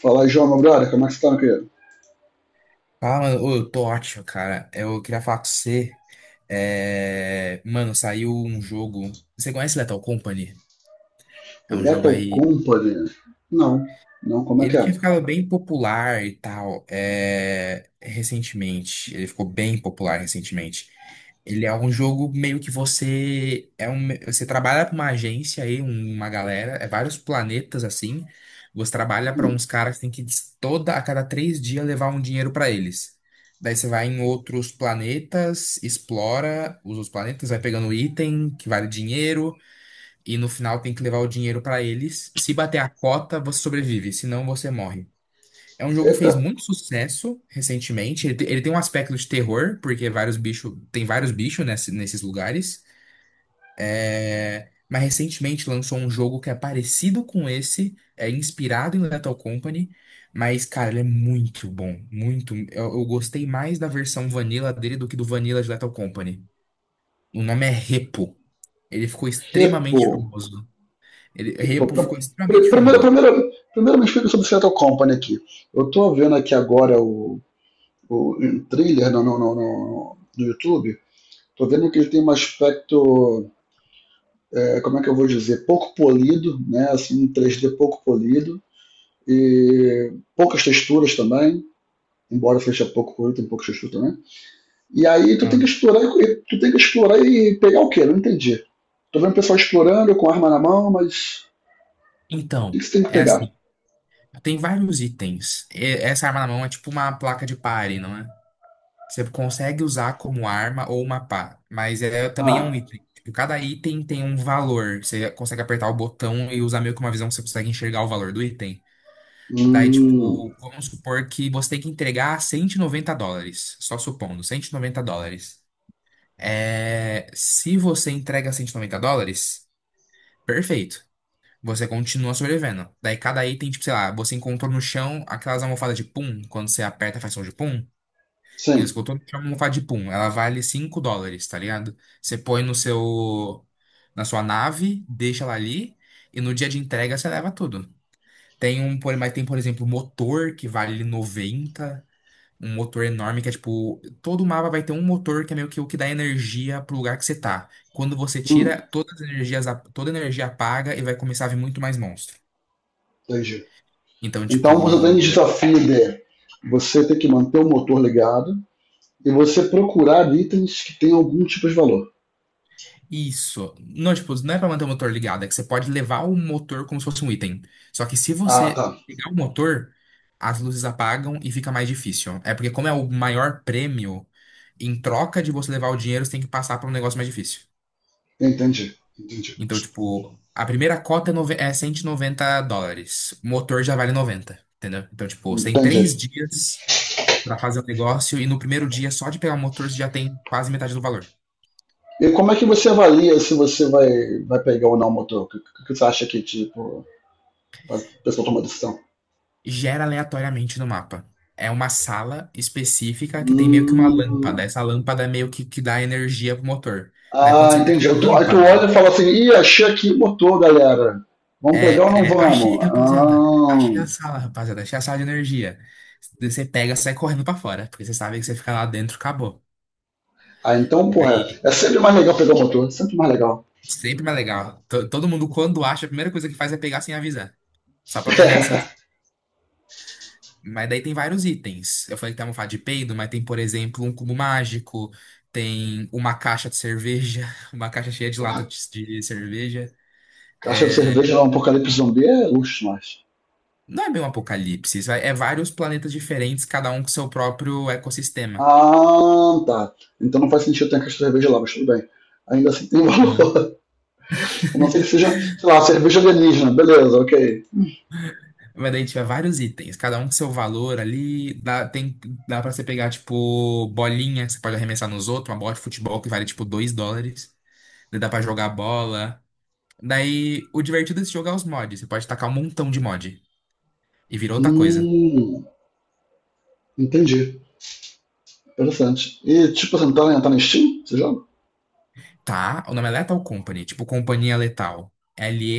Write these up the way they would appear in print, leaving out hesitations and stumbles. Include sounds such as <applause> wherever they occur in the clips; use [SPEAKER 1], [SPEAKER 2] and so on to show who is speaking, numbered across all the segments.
[SPEAKER 1] Fala aí, João, meu brother, como é que você tá, meu querido?
[SPEAKER 2] Ah, mano. Ô, eu tô ótimo, cara. Eu queria falar com você. É, mano, saiu um jogo. Você conhece Lethal Company? É um jogo
[SPEAKER 1] Lethal
[SPEAKER 2] aí.
[SPEAKER 1] Company? Não, não, como é que
[SPEAKER 2] Ele tinha
[SPEAKER 1] é?
[SPEAKER 2] ficado bem popular e tal, recentemente. Ele ficou bem popular recentemente. Ele é um jogo meio que você trabalha para uma agência aí, uma galera, é vários planetas assim. Você trabalha para
[SPEAKER 1] Hum.
[SPEAKER 2] uns caras que tem que toda a cada 3 dias levar um dinheiro para eles. Daí você vai em outros planetas, explora os outros planetas, vai pegando item que vale dinheiro. E no final tem que levar o dinheiro pra eles. Se bater a cota, você sobrevive, senão você morre. É um jogo que
[SPEAKER 1] Eita.
[SPEAKER 2] fez muito sucesso recentemente. Ele tem um aspecto de terror, porque vários bichos, tem vários bichos nesses lugares. É, mas recentemente lançou um jogo que é parecido com esse, é inspirado em Lethal Company, mas cara, ele é muito bom, muito. Eu gostei mais da versão vanilla dele do que do vanilla de Lethal Company. O nome é Repo. Ele ficou
[SPEAKER 1] Repo.
[SPEAKER 2] extremamente famoso.
[SPEAKER 1] Repo.
[SPEAKER 2] Repo ficou extremamente
[SPEAKER 1] Primeiro,
[SPEAKER 2] famoso.
[SPEAKER 1] primeiro me explica sobre o Lethal Company aqui. Eu tô vendo aqui agora o um trailer no YouTube, tô vendo que ele tem um aspecto, é, como é que eu vou dizer, pouco polido, né, assim, um 3D pouco polido, e poucas texturas também, embora seja pouco polido, tem poucas texturas também. E aí tu tem
[SPEAKER 2] Ah.
[SPEAKER 1] que explorar e tu tem que explorar e pegar o quê? Não entendi. Tô vendo o pessoal explorando com arma na mão, mas o que que
[SPEAKER 2] Então,
[SPEAKER 1] você tem que
[SPEAKER 2] é
[SPEAKER 1] pegar?
[SPEAKER 2] assim, tem vários itens. Essa arma na mão é tipo uma placa de pare, não é? Você consegue usar como arma ou uma pá, mas também é um
[SPEAKER 1] Ah.
[SPEAKER 2] item. Tipo, cada item tem um valor. Você consegue apertar o botão e usar meio que uma visão que você consegue enxergar o valor do item. Daí,
[SPEAKER 1] Hum.
[SPEAKER 2] tipo, vamos supor que você tem que entregar US$ 190. Só supondo, US$ 190. É, se você entrega US$ 190, perfeito. Você continua sobrevivendo. Daí cada item, tipo, sei lá, você encontrou no chão aquelas almofadas de pum, quando você aperta faz som de pum. E você
[SPEAKER 1] Sim.
[SPEAKER 2] encontrou no chão uma almofada de pum, ela vale US$ 5, tá ligado? Você põe no seu, na sua nave, deixa ela ali, e no dia de entrega você leva tudo. Mas tem, por exemplo, motor que vale 90. Um motor enorme que é tipo, todo mapa vai ter um motor que é meio que o que dá energia pro lugar que você tá. Quando você
[SPEAKER 1] Hum,
[SPEAKER 2] tira, todas as energias, toda a energia apaga e vai começar a vir muito mais monstro.
[SPEAKER 1] entendi.
[SPEAKER 2] Então,
[SPEAKER 1] Então
[SPEAKER 2] tipo,
[SPEAKER 1] você tem desafio de você ter que manter o motor ligado e você procurar itens que tenham algum tipo de valor.
[SPEAKER 2] isso. Não, tipo, não é pra manter o motor ligado, é que você pode levar o motor como se fosse um item. Só que se
[SPEAKER 1] Ah,
[SPEAKER 2] você
[SPEAKER 1] tá.
[SPEAKER 2] pegar o motor, as luzes apagam e fica mais difícil. É porque, como é o maior prêmio, em troca de você levar o dinheiro, você tem que passar pra um negócio mais difícil.
[SPEAKER 1] Entendi, entendi,
[SPEAKER 2] Então, tipo, a primeira cota é, é US$ 190. O motor já vale 90, entendeu? Então, tipo, você tem três
[SPEAKER 1] entendi.
[SPEAKER 2] dias pra fazer o negócio e no primeiro dia, só de pegar o motor, você já tem quase metade do valor.
[SPEAKER 1] E como é que você avalia se você vai pegar ou não o motor? O que, que você acha que, tipo, faz a pessoa toma decisão?
[SPEAKER 2] Gera aleatoriamente no mapa. É uma sala específica que tem meio que uma lâmpada.
[SPEAKER 1] Hum.
[SPEAKER 2] Essa lâmpada é meio que dá energia pro motor, né? Quando
[SPEAKER 1] Ah,
[SPEAKER 2] você pega
[SPEAKER 1] entendi.
[SPEAKER 2] a
[SPEAKER 1] Aí tu olha e
[SPEAKER 2] lâmpada,
[SPEAKER 1] fala assim, ih, achei aqui, botou, galera. Vamos pegar ou não vamos?
[SPEAKER 2] achei, rapaziada. Achei a sala, rapaziada. Achei a sala de energia. Você pega, e sai correndo pra fora, porque você sabe que você fica lá dentro, acabou.
[SPEAKER 1] Ah, ah então, porra,
[SPEAKER 2] Aí
[SPEAKER 1] é sempre mais legal pegar o motor, é sempre mais legal.
[SPEAKER 2] sempre mais legal. Todo mundo, quando acha, a primeira coisa que faz é pegar sem avisar. Só pra ver a reação.
[SPEAKER 1] <laughs>
[SPEAKER 2] Mas daí tem vários itens. Eu falei que tem uma almofada de peido, mas tem, por exemplo, um cubo mágico, tem uma caixa de cerveja, <laughs> uma caixa cheia de lata de cerveja.
[SPEAKER 1] Caixa de
[SPEAKER 2] É,
[SPEAKER 1] cerveja lá, um apocalipse zumbi é luxo mais.
[SPEAKER 2] não é bem um apocalipse, isso é vários planetas diferentes, cada um com seu próprio ecossistema.
[SPEAKER 1] Ah, tá. Então não faz sentido ter a caixa de cerveja lá, mas tudo bem. Ainda assim tem
[SPEAKER 2] Aham.
[SPEAKER 1] valor. <laughs> A não ser que seja, sei lá, cerveja alienígena. Beleza, ok.
[SPEAKER 2] Mas daí tiver vários itens, cada um com seu valor ali. Dá, tem, dá pra você pegar, tipo, bolinha, que você pode arremessar nos outros, uma bola de futebol que vale, tipo, US$ 2. Daí dá pra jogar bola. Daí, o divertido desse jogo é os mods. Você pode tacar um montão de mod. E virou outra coisa.
[SPEAKER 1] Hum, entendi. Interessante. E tipo, você não tá na Steam? Você joga?
[SPEAKER 2] Tá, o nome é Lethal Company, tipo Companhia Letal.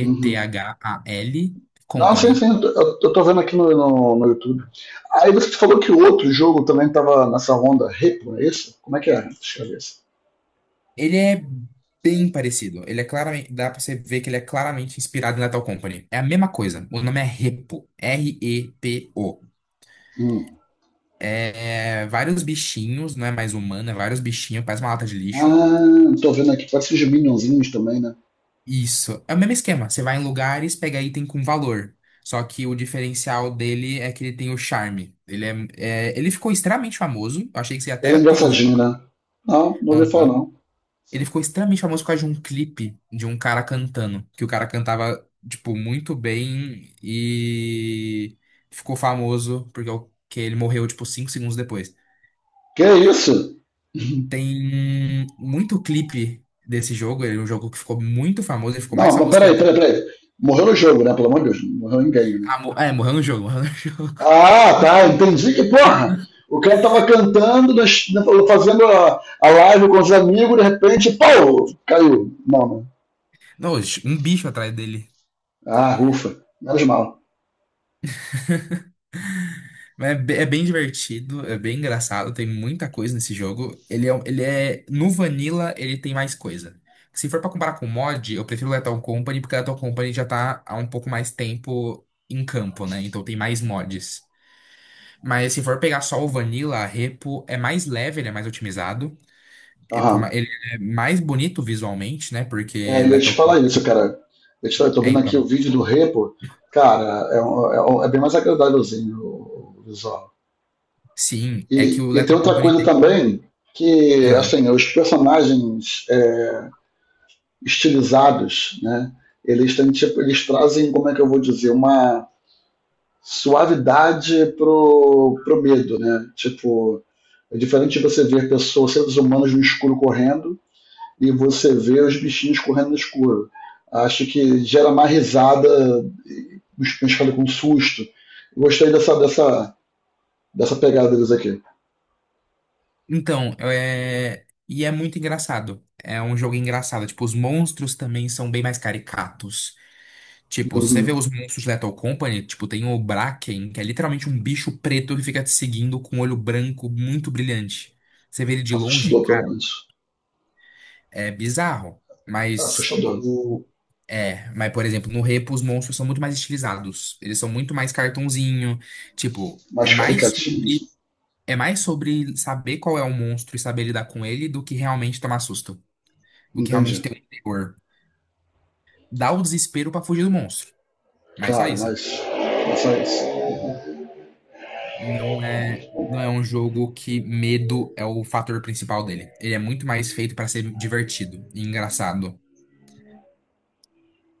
[SPEAKER 1] Uhum. Não, sim,
[SPEAKER 2] Company.
[SPEAKER 1] sim, eu tô vendo aqui no YouTube. Aí você falou que o outro jogo também tava nessa onda Repo, é isso? Como é que é? Deixa eu ver isso.
[SPEAKER 2] Ele é bem parecido. Ele é claramente, dá pra você ver que ele é claramente inspirado em Lethal Company. É a mesma coisa. O nome é Repo. Repo.
[SPEAKER 1] Hum.
[SPEAKER 2] É, vários bichinhos, não é mais humano, é vários bichinhos, parece uma lata de lixo.
[SPEAKER 1] Ah, tô vendo aqui, parece os Minionzinhos também, né?
[SPEAKER 2] Isso. É o mesmo esquema. Você vai em lugares, pega item com valor. Só que o diferencial dele é que ele tem o charme. Ele ficou extremamente famoso. Eu achei que você
[SPEAKER 1] Ele é
[SPEAKER 2] até teria ouvido.
[SPEAKER 1] engraçadinho, né? Não, não ouvi falar
[SPEAKER 2] Aham.
[SPEAKER 1] não.
[SPEAKER 2] Ele ficou extremamente famoso por causa de um clipe de um cara cantando. Que o cara cantava, tipo, muito bem e ficou famoso porque que ele morreu, tipo, 5 segundos depois.
[SPEAKER 1] Que é isso?
[SPEAKER 2] Tem muito clipe desse jogo. Ele é um jogo que ficou muito famoso. Ele ficou
[SPEAKER 1] Não,
[SPEAKER 2] mais
[SPEAKER 1] mas
[SPEAKER 2] famoso que o Lethal.
[SPEAKER 1] peraí. Morreu no jogo, né? Pelo amor de Deus, não morreu ninguém, né?
[SPEAKER 2] Ah, é, morreu no jogo, morreu no <laughs> jogo.
[SPEAKER 1] Ah, tá, entendi que porra! O cara tava cantando, fazendo a live com os amigos, de repente, pau, caiu. Não, não.
[SPEAKER 2] Nossa, um bicho atrás dele.
[SPEAKER 1] Ah, ufa, menos mal.
[SPEAKER 2] Mas é é bem divertido, é bem engraçado, tem muita coisa nesse jogo. Ele é, no Vanilla, ele tem mais coisa. Se for pra comparar com o mod, eu prefiro o Lethal Company, porque o Lethal Company já tá há um pouco mais tempo em campo, né? Então tem mais mods. Mas se for pegar só o Vanilla, a Repo é mais leve, ele é mais otimizado.
[SPEAKER 1] Aham.
[SPEAKER 2] Ele é mais bonito visualmente, né?
[SPEAKER 1] É,
[SPEAKER 2] Porque
[SPEAKER 1] eu ia te
[SPEAKER 2] Lethal
[SPEAKER 1] falar
[SPEAKER 2] Company...
[SPEAKER 1] isso, cara. Eu tô
[SPEAKER 2] É,
[SPEAKER 1] vendo aqui o
[SPEAKER 2] então.
[SPEAKER 1] vídeo do Repo. Cara, é, é bem mais agradávelzinho o visual.
[SPEAKER 2] Sim, é que o
[SPEAKER 1] E tem
[SPEAKER 2] Lethal
[SPEAKER 1] outra
[SPEAKER 2] Company
[SPEAKER 1] coisa
[SPEAKER 2] tem...
[SPEAKER 1] também, que, assim, os personagens é, estilizados, né? Eles têm, tipo, eles trazem, como é que eu vou dizer, uma suavidade pro, pro medo, né? Tipo, é diferente de você ver pessoas, seres humanos no escuro correndo, e você vê os bichinhos correndo no escuro. Acho que gera mais risada, os cães ficam com susto. Eu gostei dessa pegada deles aqui.
[SPEAKER 2] Então, é... e é muito engraçado. É um jogo engraçado. Tipo, os monstros também são bem mais caricatos. Tipo, se você vê
[SPEAKER 1] Uhum.
[SPEAKER 2] os monstros de Lethal Company, tipo, tem o Bracken, que é literalmente um bicho preto que fica te seguindo com um olho branco muito brilhante. Você vê ele de longe,
[SPEAKER 1] Assustador,
[SPEAKER 2] cara,
[SPEAKER 1] provavelmente.
[SPEAKER 2] é bizarro. Mas
[SPEAKER 1] Assustador.
[SPEAKER 2] o. É, mas por exemplo, no Repo os monstros são muito mais estilizados. Eles são muito mais cartunzinho. Tipo, é
[SPEAKER 1] Mais
[SPEAKER 2] mais
[SPEAKER 1] caricatinho.
[SPEAKER 2] sobre é mais sobre saber qual é o monstro e saber lidar com ele do que realmente tomar susto. Do que
[SPEAKER 1] Entendi.
[SPEAKER 2] realmente ter um terror. Dá o desespero pra fugir do monstro. Mas só
[SPEAKER 1] Claro,
[SPEAKER 2] isso.
[SPEAKER 1] mas é só isso.
[SPEAKER 2] Não é, não é um jogo que medo é o fator principal dele. Ele é muito mais feito pra ser divertido e engraçado.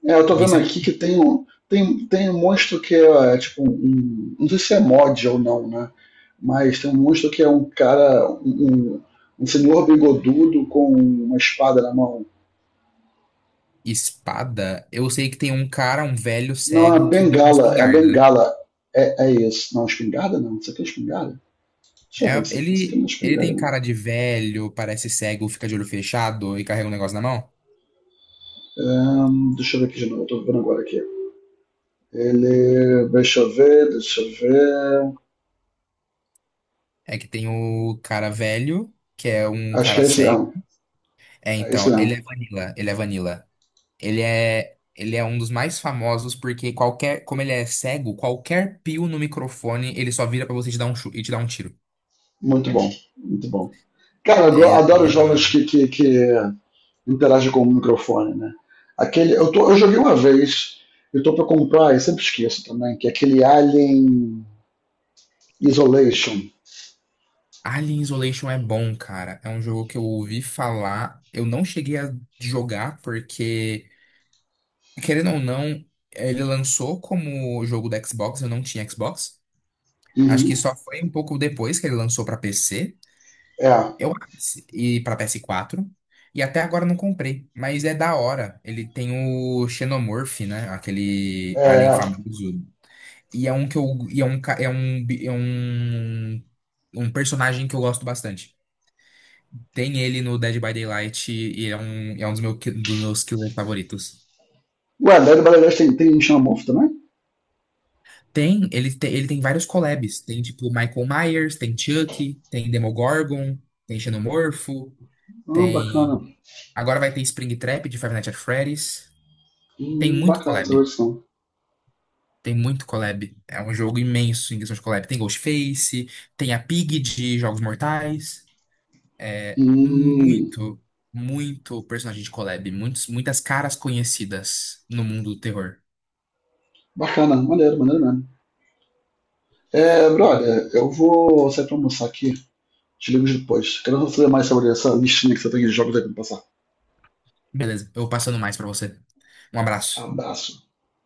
[SPEAKER 1] É, eu tô vendo
[SPEAKER 2] Isso é
[SPEAKER 1] aqui que tem um monstro que é, é tipo um. Não sei se é mod ou não, né? Mas tem um monstro que é um cara. Um senhor bigodudo com uma espada na mão.
[SPEAKER 2] espada. Eu sei que tem um cara, um velho
[SPEAKER 1] Não, é
[SPEAKER 2] cego, que usa uma
[SPEAKER 1] bengala, é a
[SPEAKER 2] espingarda, né?
[SPEAKER 1] bengala. É, é isso. Não, espingarda não. Isso aqui é espingarda? Deixa
[SPEAKER 2] É,
[SPEAKER 1] eu ver isso aqui. Isso aqui
[SPEAKER 2] ele,
[SPEAKER 1] não é
[SPEAKER 2] ele
[SPEAKER 1] espingarda,
[SPEAKER 2] tem
[SPEAKER 1] não.
[SPEAKER 2] cara de velho, parece cego, fica de olho fechado e carrega um negócio na mão.
[SPEAKER 1] Deixa eu ver aqui de novo. Eu tô vendo agora aqui. Ele. Deixa eu ver, deixa eu ver.
[SPEAKER 2] É que tem o cara velho, que é um
[SPEAKER 1] Acho que
[SPEAKER 2] cara
[SPEAKER 1] é isso
[SPEAKER 2] cego.
[SPEAKER 1] mesmo.
[SPEAKER 2] É,
[SPEAKER 1] É isso
[SPEAKER 2] então, ele
[SPEAKER 1] mesmo.
[SPEAKER 2] é Vanilla, ele é Vanilla. Ele é um dos mais famosos porque qualquer, como ele é cego, qualquer pio no microfone, ele só vira pra você e te dar um tiro.
[SPEAKER 1] Muito bom, muito bom. Cara,
[SPEAKER 2] É, Ele-
[SPEAKER 1] adoro
[SPEAKER 2] é-
[SPEAKER 1] jogos que interagem com o microfone, né? Aquele, eu joguei uma vez, eu tô pra comprar, eu sempre esqueço também, que é aquele Alien Isolation.
[SPEAKER 2] Alien Isolation é bom, cara. É um jogo que eu ouvi falar. Eu não cheguei a jogar porque, querendo ou não, ele lançou como jogo da Xbox, eu não tinha Xbox. Acho que
[SPEAKER 1] Uhum.
[SPEAKER 2] só foi um pouco depois que ele lançou pra PC.
[SPEAKER 1] É,
[SPEAKER 2] Eu E para PS4 e até agora não comprei, mas é da hora. Ele tem o Xenomorph, né? Aquele
[SPEAKER 1] é,
[SPEAKER 2] alien
[SPEAKER 1] é.
[SPEAKER 2] famoso. E é um que eu e é um ca- é um bi- é um, um personagem que eu gosto bastante. Tem ele no Dead by Daylight e é um meu, dos meus killers favoritos.
[SPEAKER 1] O Adélio Brasileiro tem xamamofo também?
[SPEAKER 2] Tem. Ele tem vários collabs. Tem tipo Michael Myers, tem Chucky, tem Demogorgon, tem Xenomorfo,
[SPEAKER 1] Ah, bacana.
[SPEAKER 2] tem Agora vai ter Springtrap de Five Nights at Freddy's. Tem muito
[SPEAKER 1] Bacana essa
[SPEAKER 2] collab.
[SPEAKER 1] versão.
[SPEAKER 2] Tem muito collab. É um jogo imenso em questão de collab. Tem Ghostface, tem a Pig de Jogos Mortais. É
[SPEAKER 1] Hum,
[SPEAKER 2] muito, muito personagem de collab. Muitas caras conhecidas no mundo do terror.
[SPEAKER 1] bacana. Maneiro, maneiro mesmo. É, brother, eu vou sair pra almoçar aqui. Te ligo depois. Quero saber mais sobre essa listinha que você tem de jogos aí pra me passar.
[SPEAKER 2] Beleza, eu vou passando mais pra você. Um abraço.
[SPEAKER 1] Abraço.